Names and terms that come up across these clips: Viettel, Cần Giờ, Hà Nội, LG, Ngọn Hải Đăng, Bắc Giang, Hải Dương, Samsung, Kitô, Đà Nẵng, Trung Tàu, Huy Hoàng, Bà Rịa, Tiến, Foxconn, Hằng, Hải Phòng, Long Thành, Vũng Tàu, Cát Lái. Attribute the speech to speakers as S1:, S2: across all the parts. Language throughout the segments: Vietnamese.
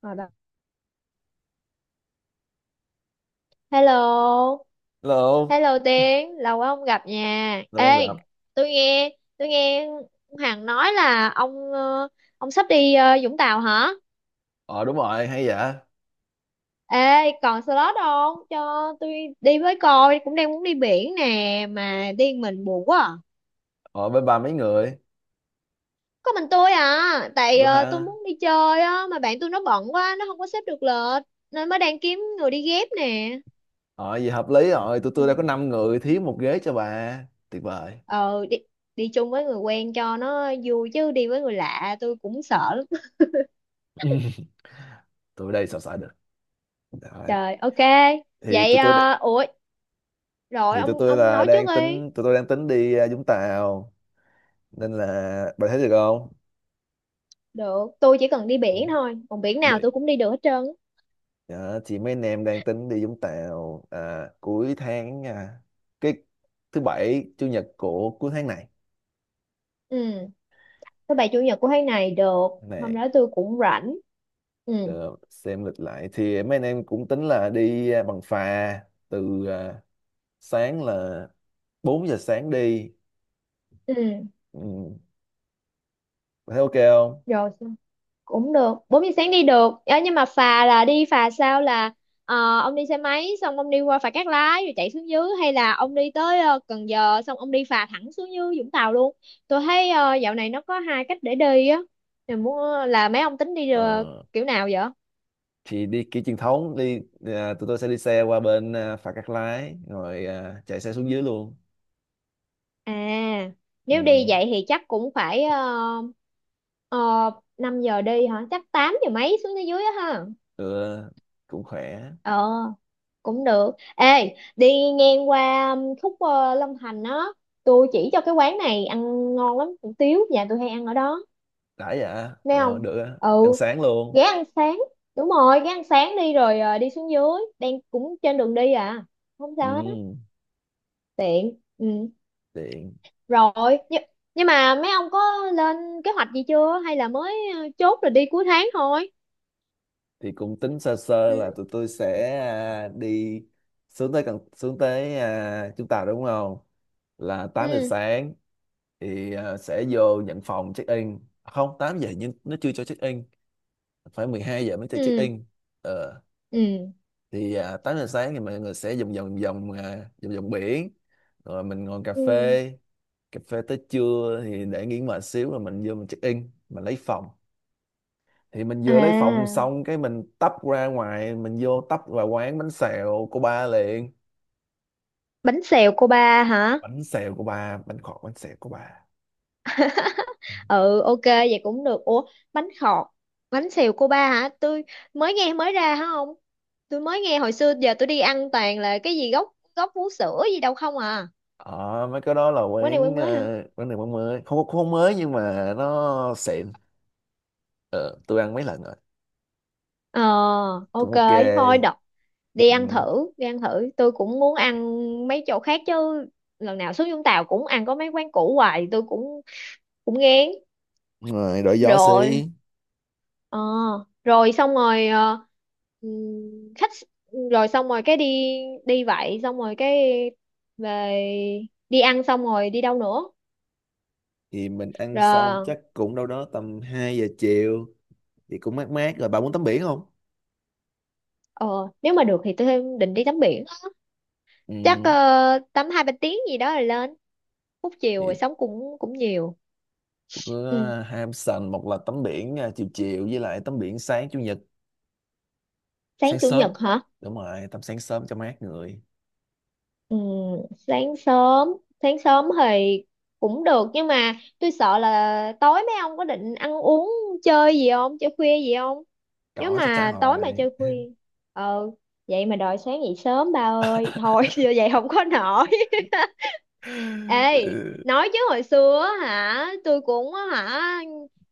S1: Ở đó. Hello,
S2: Hello,
S1: hello Tiến, lâu quá không gặp nha.
S2: lâu
S1: Ê,
S2: không gặp.
S1: tôi nghe Hằng nói là ông ông sắp đi Vũng Tàu hả?
S2: Ờ, đúng rồi, hay dạ.
S1: Ê, còn slot không? Cho tôi đi với coi, cũng đang muốn đi biển nè mà đi một mình buồn quá. À.
S2: Ờ, bên bà mấy người?
S1: Có mình tôi à, tại
S2: Tôi
S1: tôi
S2: ha.
S1: muốn đi chơi á mà bạn tôi nó bận quá, nó không có xếp được lịch nên mới đang kiếm người đi ghép nè.
S2: Ờ, vậy hợp lý rồi, tụi
S1: Ừ.
S2: tôi đã có 5 người
S1: Ừ.
S2: thiếu một ghế cho bà. Tuyệt vời.
S1: Ờ, đi đi chung với người quen cho nó vui chứ đi với người lạ tôi cũng sợ lắm.
S2: Tụi đây sao xài được. Đấy.
S1: Trời, ok
S2: Thì
S1: vậy.
S2: tụi tôi
S1: Ờ, ủa rồi
S2: thì tụi
S1: ông
S2: tôi
S1: ông
S2: là
S1: nói trước
S2: đang
S1: đi.
S2: tính tụi tôi đang tính đi Vũng Tàu, nên là bà thấy được không?
S1: Được, tôi chỉ cần đi biển thôi, còn biển nào tôi
S2: Bị.
S1: cũng đi được hết trơn á.
S2: Dạ, chị mấy anh em đang tính đi Vũng Tàu cuối tháng, cái thứ bảy chủ nhật của cuối tháng này.
S1: Ừ, thứ bảy chủ nhật của tháng này được, hôm
S2: Này.
S1: đó tôi cũng rảnh. Ừ.
S2: Ờ, xem lịch lại thì mấy anh em cũng tính là đi bằng phà, từ sáng, là 4 giờ sáng đi.
S1: Ừ.
S2: Ừ, thấy ok không?
S1: Rồi cũng được, 4 giờ sáng đi được. Ờ, nhưng mà phà là đi phà sao? Là ông đi xe máy xong ông đi qua phà Cát Lái rồi chạy xuống dưới, hay là ông đi tới Cần Giờ xong ông đi phà thẳng xuống dưới Vũng Tàu luôn? Tôi thấy dạo này nó có hai cách để đi á. Mình muốn là mấy ông tính đi
S2: ờ,
S1: kiểu nào vậy?
S2: thì đi kiểu truyền thống, đi tụi tôi sẽ đi xe qua bên phà Cát Lái rồi chạy xe xuống dưới luôn.
S1: À, nếu đi
S2: Ừ,
S1: vậy thì chắc cũng phải 5 giờ đi hả, chắc 8 giờ mấy xuống tới dưới á ha.
S2: được, cũng khỏe.
S1: Ờ, cũng được. Ê, đi ngang qua khúc Long Thành á, tôi chỉ cho cái quán này ăn ngon lắm, hủ tiếu nhà tôi hay ăn ở đó.
S2: Đã dạ,
S1: Nghe không?
S2: được á. Ăn
S1: Ừ,
S2: sáng luôn.
S1: ghé ăn sáng, đúng rồi ghé ăn sáng đi rồi đi xuống dưới, đang cũng trên đường đi à, không sao hết á.
S2: Ừ,
S1: Tiện. Ừ.
S2: tiện.
S1: Rồi, nhưng, nhưng mà mấy ông có lên kế hoạch gì chưa hay là mới chốt rồi đi cuối tháng thôi?
S2: Thì cũng tính sơ sơ
S1: Ừ.
S2: là tụi tôi sẽ đi xuống tới Trung Tàu đúng không, là tám giờ
S1: Ừ.
S2: sáng thì sẽ vô nhận phòng check in, không, 8 giờ nhưng nó chưa cho check in, phải 12 giờ mới cho check
S1: Ừ.
S2: in. ờ,
S1: Ừ,
S2: thì 8 giờ sáng thì mọi người sẽ vòng vòng vòng à, vòng vòng biển, rồi mình ngồi cà
S1: ừ.
S2: phê cà phê tới trưa, thì để nghỉ mệt xíu rồi mình vô mình check in mình lấy phòng. Thì mình vừa lấy phòng
S1: À,
S2: xong cái mình tấp ra ngoài, mình tấp vào quán bánh xèo của ba liền.
S1: bánh xèo cô ba hả?
S2: Bánh xèo của ba, bánh khọt, bánh xèo của ba.
S1: Ừ, ok vậy cũng được. Ủa, bánh khọt, bánh xèo cô ba hả? Tôi mới nghe, mới ra hả? Không, tôi mới nghe. Hồi xưa giờ tôi đi ăn toàn là cái gì gốc gốc vú sữa gì đâu không à.
S2: Ờ, mấy cái đó là
S1: Quán này quán
S2: quán
S1: mới hả?
S2: ờ, quán này quán mới, không, không mới nhưng mà nó xịn. Ờ, tôi ăn mấy lần rồi,
S1: Ờ,
S2: cũng
S1: ok.
S2: ok.
S1: Thôi đọc, đi ăn
S2: Ừ.
S1: thử đi ăn thử, tôi cũng muốn ăn mấy chỗ khác chứ. Lần nào xuống Vũng Tàu cũng ăn có mấy quán cũ hoài, tôi cũng cũng ngán
S2: Đúng rồi, đổi gió
S1: rồi.
S2: xí.
S1: Ờ, rồi xong rồi ờ, khách rồi xong rồi cái đi đi vậy xong rồi cái về. Đi ăn xong rồi đi đâu nữa?
S2: Thì mình ăn xong
S1: Rồi,
S2: chắc cũng đâu đó tầm 2 giờ chiều, thì cũng mát mát rồi, bà muốn tắm biển không?
S1: ờ, nếu mà được thì tôi định đi tắm biển, chắc
S2: Ừ.
S1: tắm 2 3 tiếng gì đó rồi lên. Phút chiều
S2: Thì
S1: rồi sống cũng cũng nhiều.
S2: có
S1: Ừ.
S2: ham sành, một là tắm biển chiều chiều, với lại tắm biển sáng chủ nhật,
S1: Sáng
S2: sáng
S1: chủ
S2: sớm.
S1: nhật hả?
S2: Đúng rồi, tắm sáng sớm cho mát người.
S1: Ừ, sáng sớm. Sáng sớm thì cũng được, nhưng mà tôi sợ là tối mấy ông có định ăn uống chơi gì không, chơi khuya gì không? Nếu
S2: Có, chắc chắn
S1: mà tối mà
S2: rồi.
S1: chơi khuya, ờ, vậy mà đòi sáng dậy sớm, ba ơi thôi giờ vậy không có nổi. Ê,
S2: Ừ,
S1: nói chứ hồi xưa á hả, tôi cũng á hả,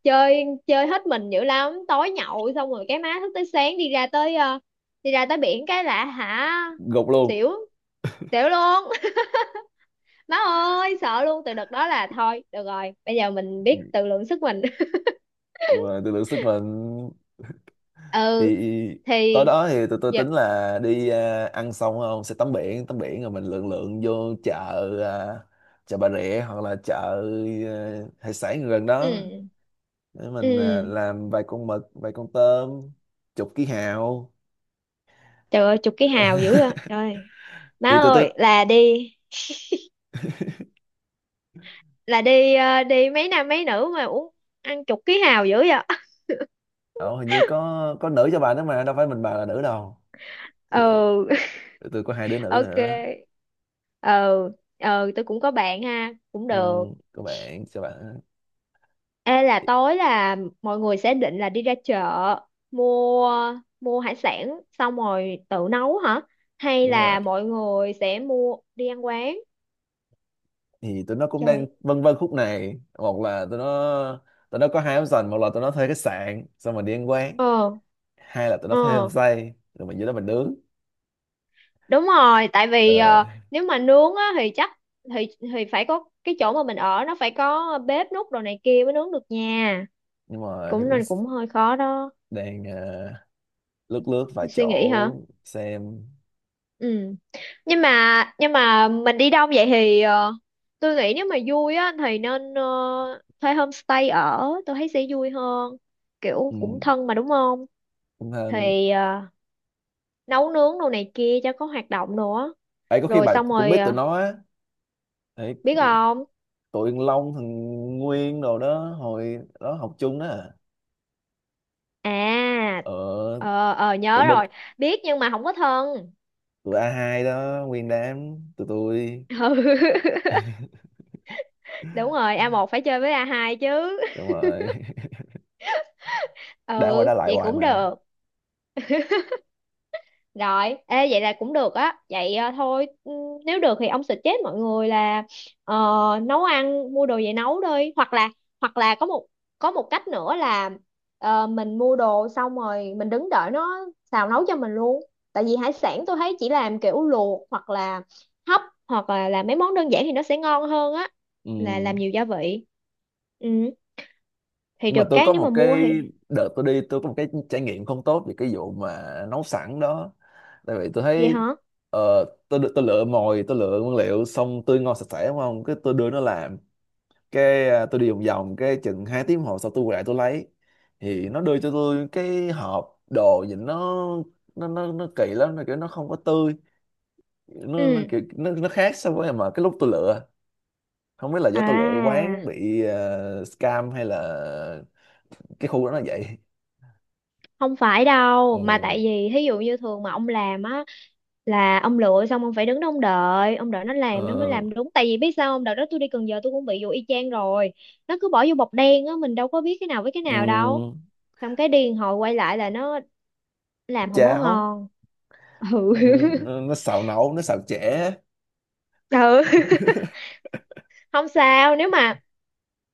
S1: chơi chơi hết mình dữ lắm, tối nhậu xong rồi cái má thức tới sáng, đi ra tới đi ra tới biển cái lạ hả.
S2: gục luôn.
S1: Xỉu, xỉu luôn. Má ơi sợ luôn, từ đợt đó là thôi được rồi, bây giờ mình biết tự lượng sức mình.
S2: Mà tôi lượng sức mình.
S1: Ừ
S2: Thì tối
S1: thì
S2: đó thì tụi tôi
S1: giờ,
S2: tính là đi ăn xong không sẽ tắm biển, tắm biển rồi mình lượn lượn vô chợ, à, chợ Bà Rịa hoặc là chợ hải sản gần đó,
S1: ừ.
S2: để mình
S1: Ừ.
S2: làm vài con mực, vài con tôm, chục ký hào.
S1: Trời ơi, chục cái hào dữ à trời. Má
S2: Thì tụi tôi,
S1: ơi, là đi, là đi đi mấy nam mấy nữ mà uống ăn chục ký hào dữ vậy?
S2: ờ, hình như có nữ cho bà nữa, mà đâu phải mình bà là nữ đâu.
S1: Ừ.
S2: Tụi tôi có hai đứa nữ nữa.
S1: Ok. Ừ. Ừ, tôi cũng có bạn ha, cũng
S2: Ừ,
S1: được.
S2: các bạn, các bạn.
S1: Ê, là tối là mọi người sẽ định là đi ra chợ mua, mua hải sản xong rồi tự nấu hả? Hay
S2: Đúng rồi.
S1: là mọi người sẽ mua đi ăn quán?
S2: Thì tụi nó cũng đang
S1: Trời.
S2: vân vân khúc này, một là tụi nó có hai option, một là tụi nó thuê khách sạn xong rồi đi ăn quán,
S1: Ờ,
S2: hai là tụi nó
S1: ờ,
S2: thuê homestay rồi mình dưới đó mình nướng.
S1: đúng rồi, tại vì
S2: ờ,
S1: nếu mà nướng á thì chắc, thì phải có cái chỗ mà mình ở nó phải có bếp nút đồ này kia mới nướng được nha.
S2: nhưng mà thì
S1: Cũng
S2: có cái
S1: nên, cũng hơi khó đó.
S2: đang lướt lướt vài
S1: Suy
S2: chỗ
S1: nghĩ hả?
S2: xem.
S1: Ừ. Nhưng mà mình đi đông vậy thì tôi nghĩ nếu mà vui á thì nên thuê homestay ở, tôi thấy sẽ vui hơn, kiểu cũng
S2: Ừ,
S1: thân mà đúng không?
S2: cũng hơn.
S1: Thì nấu nướng đồ này kia cho có hoạt động nữa.
S2: Ấy, có khi
S1: Rồi
S2: bà
S1: xong
S2: cũng
S1: rồi
S2: biết tụi nó á. Ấy,
S1: biết không.
S2: tụi Long, thằng Nguyên đồ đó, hồi đó học chung đó à.
S1: À,
S2: ờ
S1: ờ ờ
S2: Tụi
S1: nhớ
S2: bên,
S1: rồi, biết nhưng mà không có thân.
S2: tụi a hai đó, nguyên đám tụi tôi.
S1: Ừ, đúng rồi, a một phải chơi với a hai chứ.
S2: Đúng rồi. Đã qua
S1: Ừ,
S2: đã lại
S1: vậy
S2: hoài
S1: cũng
S2: mà.
S1: được. Rồi, ê, vậy là cũng được á. Vậy nếu được thì ông suggest mọi người là ờ, nấu ăn, mua đồ về nấu đi. Hoặc là, hoặc là có một có một cách nữa là mình mua đồ xong rồi mình đứng đợi nó xào nấu cho mình luôn. Tại vì hải sản tôi thấy chỉ làm kiểu luộc hoặc là hấp, hoặc là làm mấy món đơn giản thì nó sẽ ngon hơn á.
S2: Ừ.
S1: Là làm nhiều gia vị. Ừ, thì
S2: Nhưng mà
S1: được
S2: tôi
S1: cái
S2: có
S1: nếu mà
S2: một
S1: mua
S2: cái,
S1: thì,
S2: đợt tôi đi tôi có một cái trải nghiệm không tốt về cái vụ mà nấu sẵn đó. Tại vì tôi
S1: vậy
S2: thấy,
S1: hả?
S2: ờ, tôi lựa mồi, tôi lựa nguyên liệu xong tươi ngon sạch sẽ đúng không, cái tôi đưa nó làm, cái tôi đi vòng vòng cái chừng 2 tiếng hồ sau tôi quay lại tôi lấy, thì nó đưa cho tôi cái hộp đồ nhìn nó kỳ lắm, nó kiểu nó không có tươi, nó
S1: Ừ.
S2: kiểu nó khác so với mà cái lúc tôi lựa. Không biết là do tôi lựa
S1: À.
S2: quán bị scam hay là cái khu đó nó vậy.
S1: Không phải đâu, mà tại
S2: Ừ.
S1: vì thí dụ như thường mà ông làm á là ông lựa xong ông phải đứng đó ông đợi, ông đợi nó làm nó mới
S2: Ờ.
S1: làm đúng. Tại vì biết sao không, đợt đó tôi đi Cần Giờ tôi cũng bị vụ y chang rồi, nó cứ bỏ vô bọc đen á, mình đâu có biết cái nào với cái nào đâu,
S2: ừm,
S1: xong cái điên hồi quay lại là nó làm không có
S2: Cháo.
S1: ngon. Ừ.
S2: Ừ, nó xào nấu, nó xào chẻ.
S1: Ừ, không sao. Nếu mà,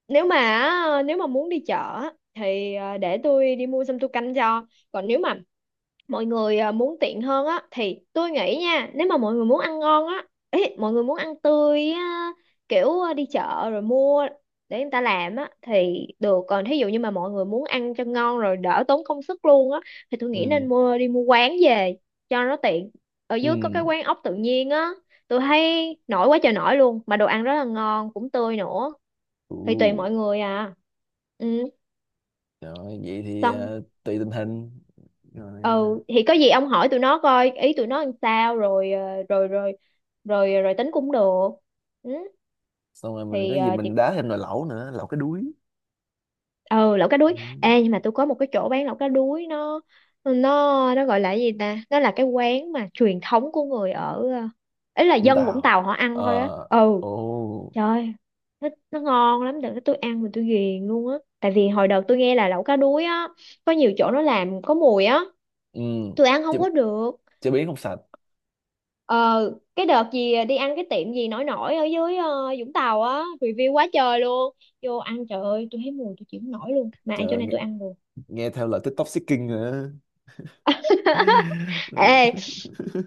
S1: nếu mà á, nếu mà muốn đi chợ á, thì để tôi đi mua xong tôi canh cho. Còn nếu mà mọi người muốn tiện hơn á thì tôi nghĩ nha, nếu mà mọi người muốn ăn ngon á, ý, mọi người muốn ăn tươi á, kiểu đi chợ rồi mua để người ta làm á thì được. Còn thí dụ như mà mọi người muốn ăn cho ngon rồi đỡ tốn công sức luôn á thì tôi nghĩ nên
S2: Ừ,
S1: mua, đi mua quán về cho nó tiện. Ở dưới có cái
S2: ừ.
S1: quán ốc tự nhiên á, tôi thấy nổi quá trời nổi luôn, mà đồ ăn rất là ngon, cũng tươi nữa.
S2: Ừ.
S1: Thì tùy mọi người à. Ừ.
S2: Rồi, vậy thì
S1: Xong.
S2: tùy tình hình. Rồi,
S1: Ờ, thì có gì ông hỏi tụi nó coi ý tụi nó làm sao rồi ờ, rồi rồi rồi rồi tính cũng được. Ừ,
S2: xong rồi mình có
S1: thì
S2: gì
S1: chị,
S2: mình đá thêm nồi lẩu nữa, lẩu cái đuối.
S1: ừ, lẩu cá đuối.
S2: Đấy.
S1: Ê, nhưng mà tôi có một cái chỗ bán lẩu cá đuối, nó nó gọi là cái gì ta, nó là cái quán mà truyền thống của người ở ấy, là
S2: Vũng
S1: dân Vũng
S2: Tàu.
S1: Tàu họ ăn thôi á.
S2: Ờ.
S1: Ừ.
S2: Ồ.
S1: Trời, nó ngon lắm, đừng, tôi ăn mà tôi ghiền luôn á. Tại vì hồi đầu tôi nghe là lẩu cá đuối á, có nhiều chỗ nó làm có mùi á,
S2: Ừ.
S1: tôi ăn
S2: chế,
S1: không có được.
S2: chế biến không sạch.
S1: Ờ, cái đợt gì đi ăn cái tiệm gì nổi nổi ở dưới Vũng Tàu á, review quá trời luôn. Vô ăn, trời ơi, tôi thấy mùi tôi chịu không nổi luôn. Mà ăn chỗ
S2: Trời,
S1: này tôi ăn được.
S2: nghe theo lời TikTok seeking hả?
S1: Ê,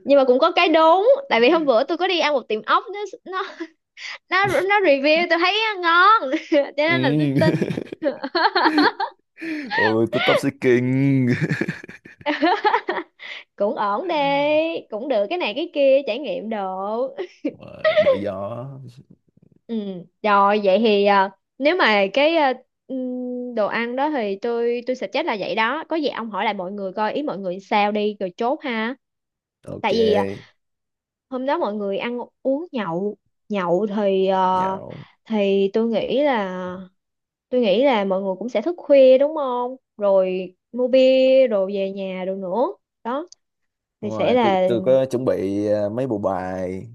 S1: nhưng mà cũng có cái đúng, tại vì hôm bữa tôi có đi ăn một tiệm ốc, nó review tôi thấy ngon. Cho nên là tôi
S2: Ừ.
S1: tin.
S2: Ôi, TikTok seeking.
S1: Cũng ổn đi, cũng được, cái này cái kia trải nghiệm đồ.
S2: Rồi đổi gió.
S1: Ừ, rồi vậy thì nếu mà cái đồ ăn đó thì tôi suggest là vậy đó. Có gì ông hỏi lại mọi người coi ý mọi người sao đi rồi chốt ha. Tại vì
S2: Ok.
S1: hôm đó mọi người ăn uống nhậu, nhậu thì
S2: Nhậu.
S1: thì tôi nghĩ là mọi người cũng sẽ thức khuya đúng không? Rồi mua bia rồi về nhà rồi nữa. Đó
S2: Đúng
S1: thì sẽ
S2: rồi, tôi
S1: là
S2: tôi có chuẩn bị mấy bộ bài,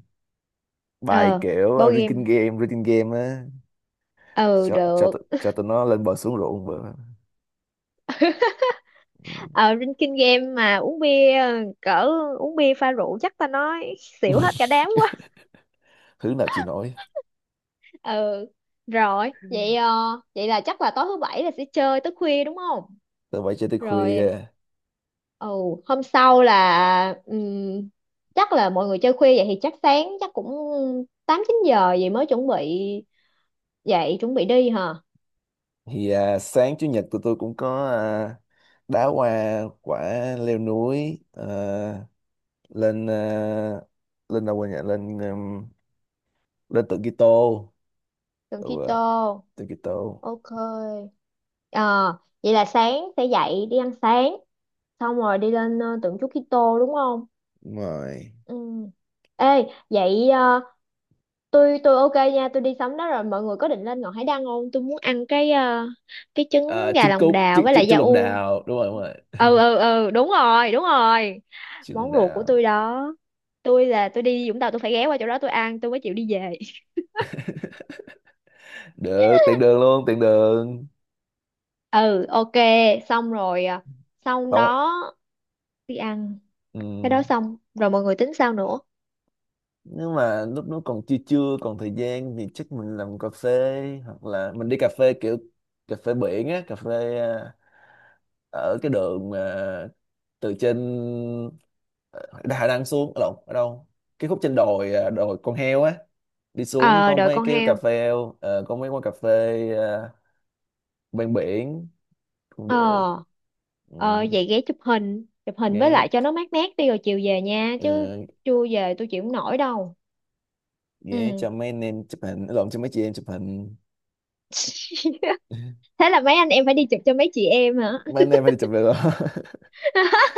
S2: bài
S1: ờ
S2: kiểu
S1: board
S2: reading
S1: game.
S2: game, reading game á,
S1: Ừ được.
S2: cho tụi nó lên bờ xuống ruộng bữa. Ừ.
S1: Ở trên kinh game mà uống bia, ờ, cỡ uống bia pha rượu chắc ta nói xỉu hết cả đám quá.
S2: Thứ nào chịu nổi.
S1: Ừ, rồi vậy vậy là chắc là tối thứ bảy là sẽ chơi tới khuya đúng không?
S2: Tôi phải chơi tới
S1: Rồi.
S2: khuya.
S1: Ừ. Hôm sau là chắc là mọi người chơi khuya vậy thì chắc sáng chắc cũng 8 9 giờ vậy mới chuẩn bị dậy chuẩn bị đi hả?
S2: Thì sáng chủ nhật tụi tôi cũng có đá hoa quả, leo núi lên lên đâu quên nhỉ, lên lên tượng Kitô.
S1: Cần
S2: Ừ,
S1: keto.
S2: tượng Kitô.
S1: Ok. Ờ, vậy là sáng sẽ dậy đi ăn sáng xong rồi đi lên tượng Chúa Kitô đúng không?
S2: Đúng rồi.
S1: Ừ. Ê, vậy tôi ok nha, tôi đi sắm đó. Rồi mọi người có định lên Ngọn Hải Đăng không? Tôi muốn ăn cái cái trứng gà
S2: Trứng
S1: lòng
S2: cút,
S1: đào
S2: trứng
S1: với
S2: trứng
S1: lại da
S2: trứng lòng
S1: ua.
S2: đào, đúng rồi, đúng rồi.
S1: Ừ, đúng rồi, đúng rồi.
S2: Trứng lòng
S1: Món ruột của
S2: đào.
S1: tôi đó. Tôi là tôi đi Vũng Tàu tôi phải ghé qua chỗ đó tôi ăn tôi mới chịu đi về.
S2: Được, tiện đường luôn, tiện đường.
S1: Ừ, ok, xong rồi. Ờ, Xong
S2: Không.
S1: đó, đi ăn
S2: Ừ.
S1: cái đó xong rồi mọi người tính sao nữa?
S2: Nếu mà lúc nó còn chưa chưa còn thời gian, thì chắc mình làm cà phê, hoặc là mình đi cà phê kiểu cà phê biển á, cà phê ở cái đường từ trên Đà Nẵng xuống, lộn, ở đâu, cái khúc trên đồi, đồi con heo á, đi xuống
S1: Ờ,
S2: có
S1: đợi
S2: mấy
S1: con
S2: cái cà
S1: heo.
S2: phê. Có mấy quán cà phê, ờ, bên biển cũng được.
S1: Ờ
S2: Ừ,
S1: ờ, vậy ghé chụp hình với
S2: ghé.
S1: lại cho nó mát mát đi rồi chiều về nha
S2: ờ,
S1: chứ, chưa về tôi chịu không nổi đâu.
S2: Ghé
S1: Ừ.
S2: cho mấy anh em chụp hình, lộn, cho mấy chị em chụp hình.
S1: Thế là mấy anh em phải đi chụp cho mấy chị em hả?
S2: Mấy anh em phải đi chụp, được rồi.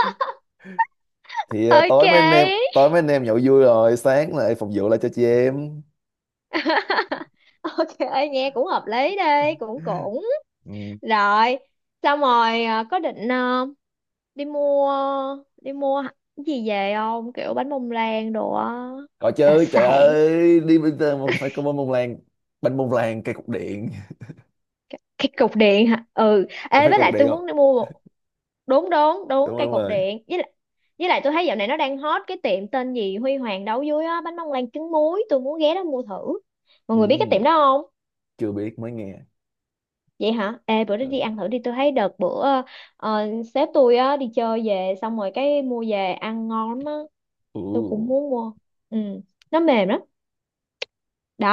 S2: Thì
S1: Ok.
S2: tối mấy anh em nhậu vui rồi sáng lại phục vụ lại cho chị em.
S1: Ok, nghe cũng hợp lý, đi cũng cũng
S2: Ừ.
S1: rồi. Xong rồi có định đi mua, đi mua cái gì về không, kiểu bánh bông lan đồ á,
S2: Có
S1: đặc
S2: chứ, trời
S1: sản.
S2: ơi, đi bây giờ mà phải có bánh bông lan. Bánh bông lan cây cục điện.
S1: Cái cục điện hả? Ừ,
S2: Ủa,
S1: ê
S2: phải
S1: với
S2: cây cục
S1: lại
S2: điện
S1: tôi muốn
S2: không?
S1: đi mua, đúng đúng
S2: Đúng
S1: đúng
S2: rồi,
S1: cây
S2: đúng
S1: cột
S2: rồi.
S1: điện, với lại, với lại tôi thấy dạo này nó đang hot cái tiệm tên gì Huy Hoàng đấu dưới á, bánh bông lan trứng muối, tôi muốn ghé đó mua thử. Mọi người biết cái tiệm
S2: Ừ,
S1: đó không?
S2: chưa biết, mới nghe.
S1: Vậy hả? Ê, bữa đó đi
S2: Ờ,
S1: ăn thử đi, tôi thấy đợt bữa ờ, sếp tôi á đi chơi về xong rồi cái mua về ăn ngon lắm á, tôi cũng
S2: ừ.
S1: muốn mua. Ừ, nó mềm lắm.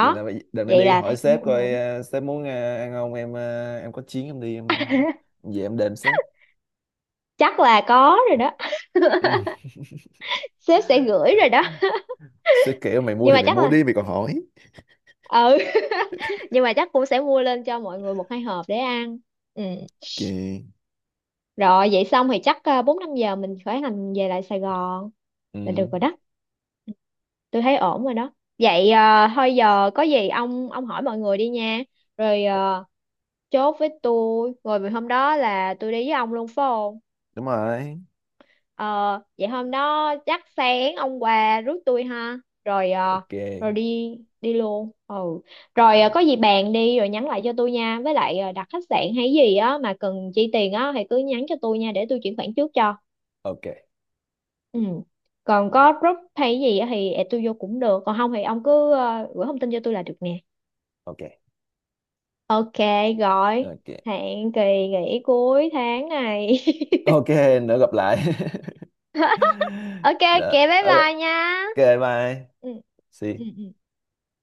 S2: Vậy là đợt này
S1: vậy
S2: đi
S1: là
S2: hỏi
S1: thấy
S2: sếp
S1: cũng ổn
S2: coi,
S1: ổn.
S2: sếp muốn ăn không, em em có chuyến em đi, về em đền sếp.
S1: Chắc là có rồi đó.
S2: Ừ.
S1: Sếp sẽ gửi rồi đó.
S2: Sếp kêu mày mua
S1: Nhưng
S2: thì
S1: mà
S2: mày
S1: chắc
S2: mua
S1: là,
S2: đi, mày còn hỏi.
S1: ừ, nhưng mà chắc cũng sẽ mua lên cho mọi người 1 2 hộp để ăn. Ừ.
S2: Kì.
S1: Rồi vậy xong thì chắc 4 5 giờ mình khởi hành về lại Sài Gòn
S2: Ừ.
S1: là được rồi đó. Tôi thấy ổn rồi đó. Vậy thôi giờ có gì ông hỏi mọi người đi nha. Rồi chốt với tôi, rồi vì hôm đó là tôi đi với ông luôn phải không?
S2: Đúng rồi.
S1: Ờ, vậy hôm đó chắc sáng ông qua rước tôi ha. Rồi à,
S2: Ok.
S1: rồi đi đi luôn. Ừ.
S2: Ờ,
S1: Rồi có gì bàn đi rồi nhắn lại cho tôi nha. Với lại đặt khách sạn hay gì á mà cần chi tiền á thì cứ nhắn cho tôi nha, để tôi chuyển khoản trước cho.
S2: ok.
S1: Ừ. Còn có
S2: Ok,
S1: group hay gì á thì add tôi vô cũng được. Còn không thì ông cứ gửi thông tin cho tôi là được nè.
S2: ok,
S1: Ok, gọi.
S2: ok,
S1: Hẹn kỳ nghỉ cuối tháng này.
S2: ok, Nữa gặp lại.
S1: Ok ok
S2: Đó,
S1: bye
S2: ok.
S1: bye nha.
S2: Ok, bye,
S1: Ừ. Ừ.
S2: see.
S1: Ừ.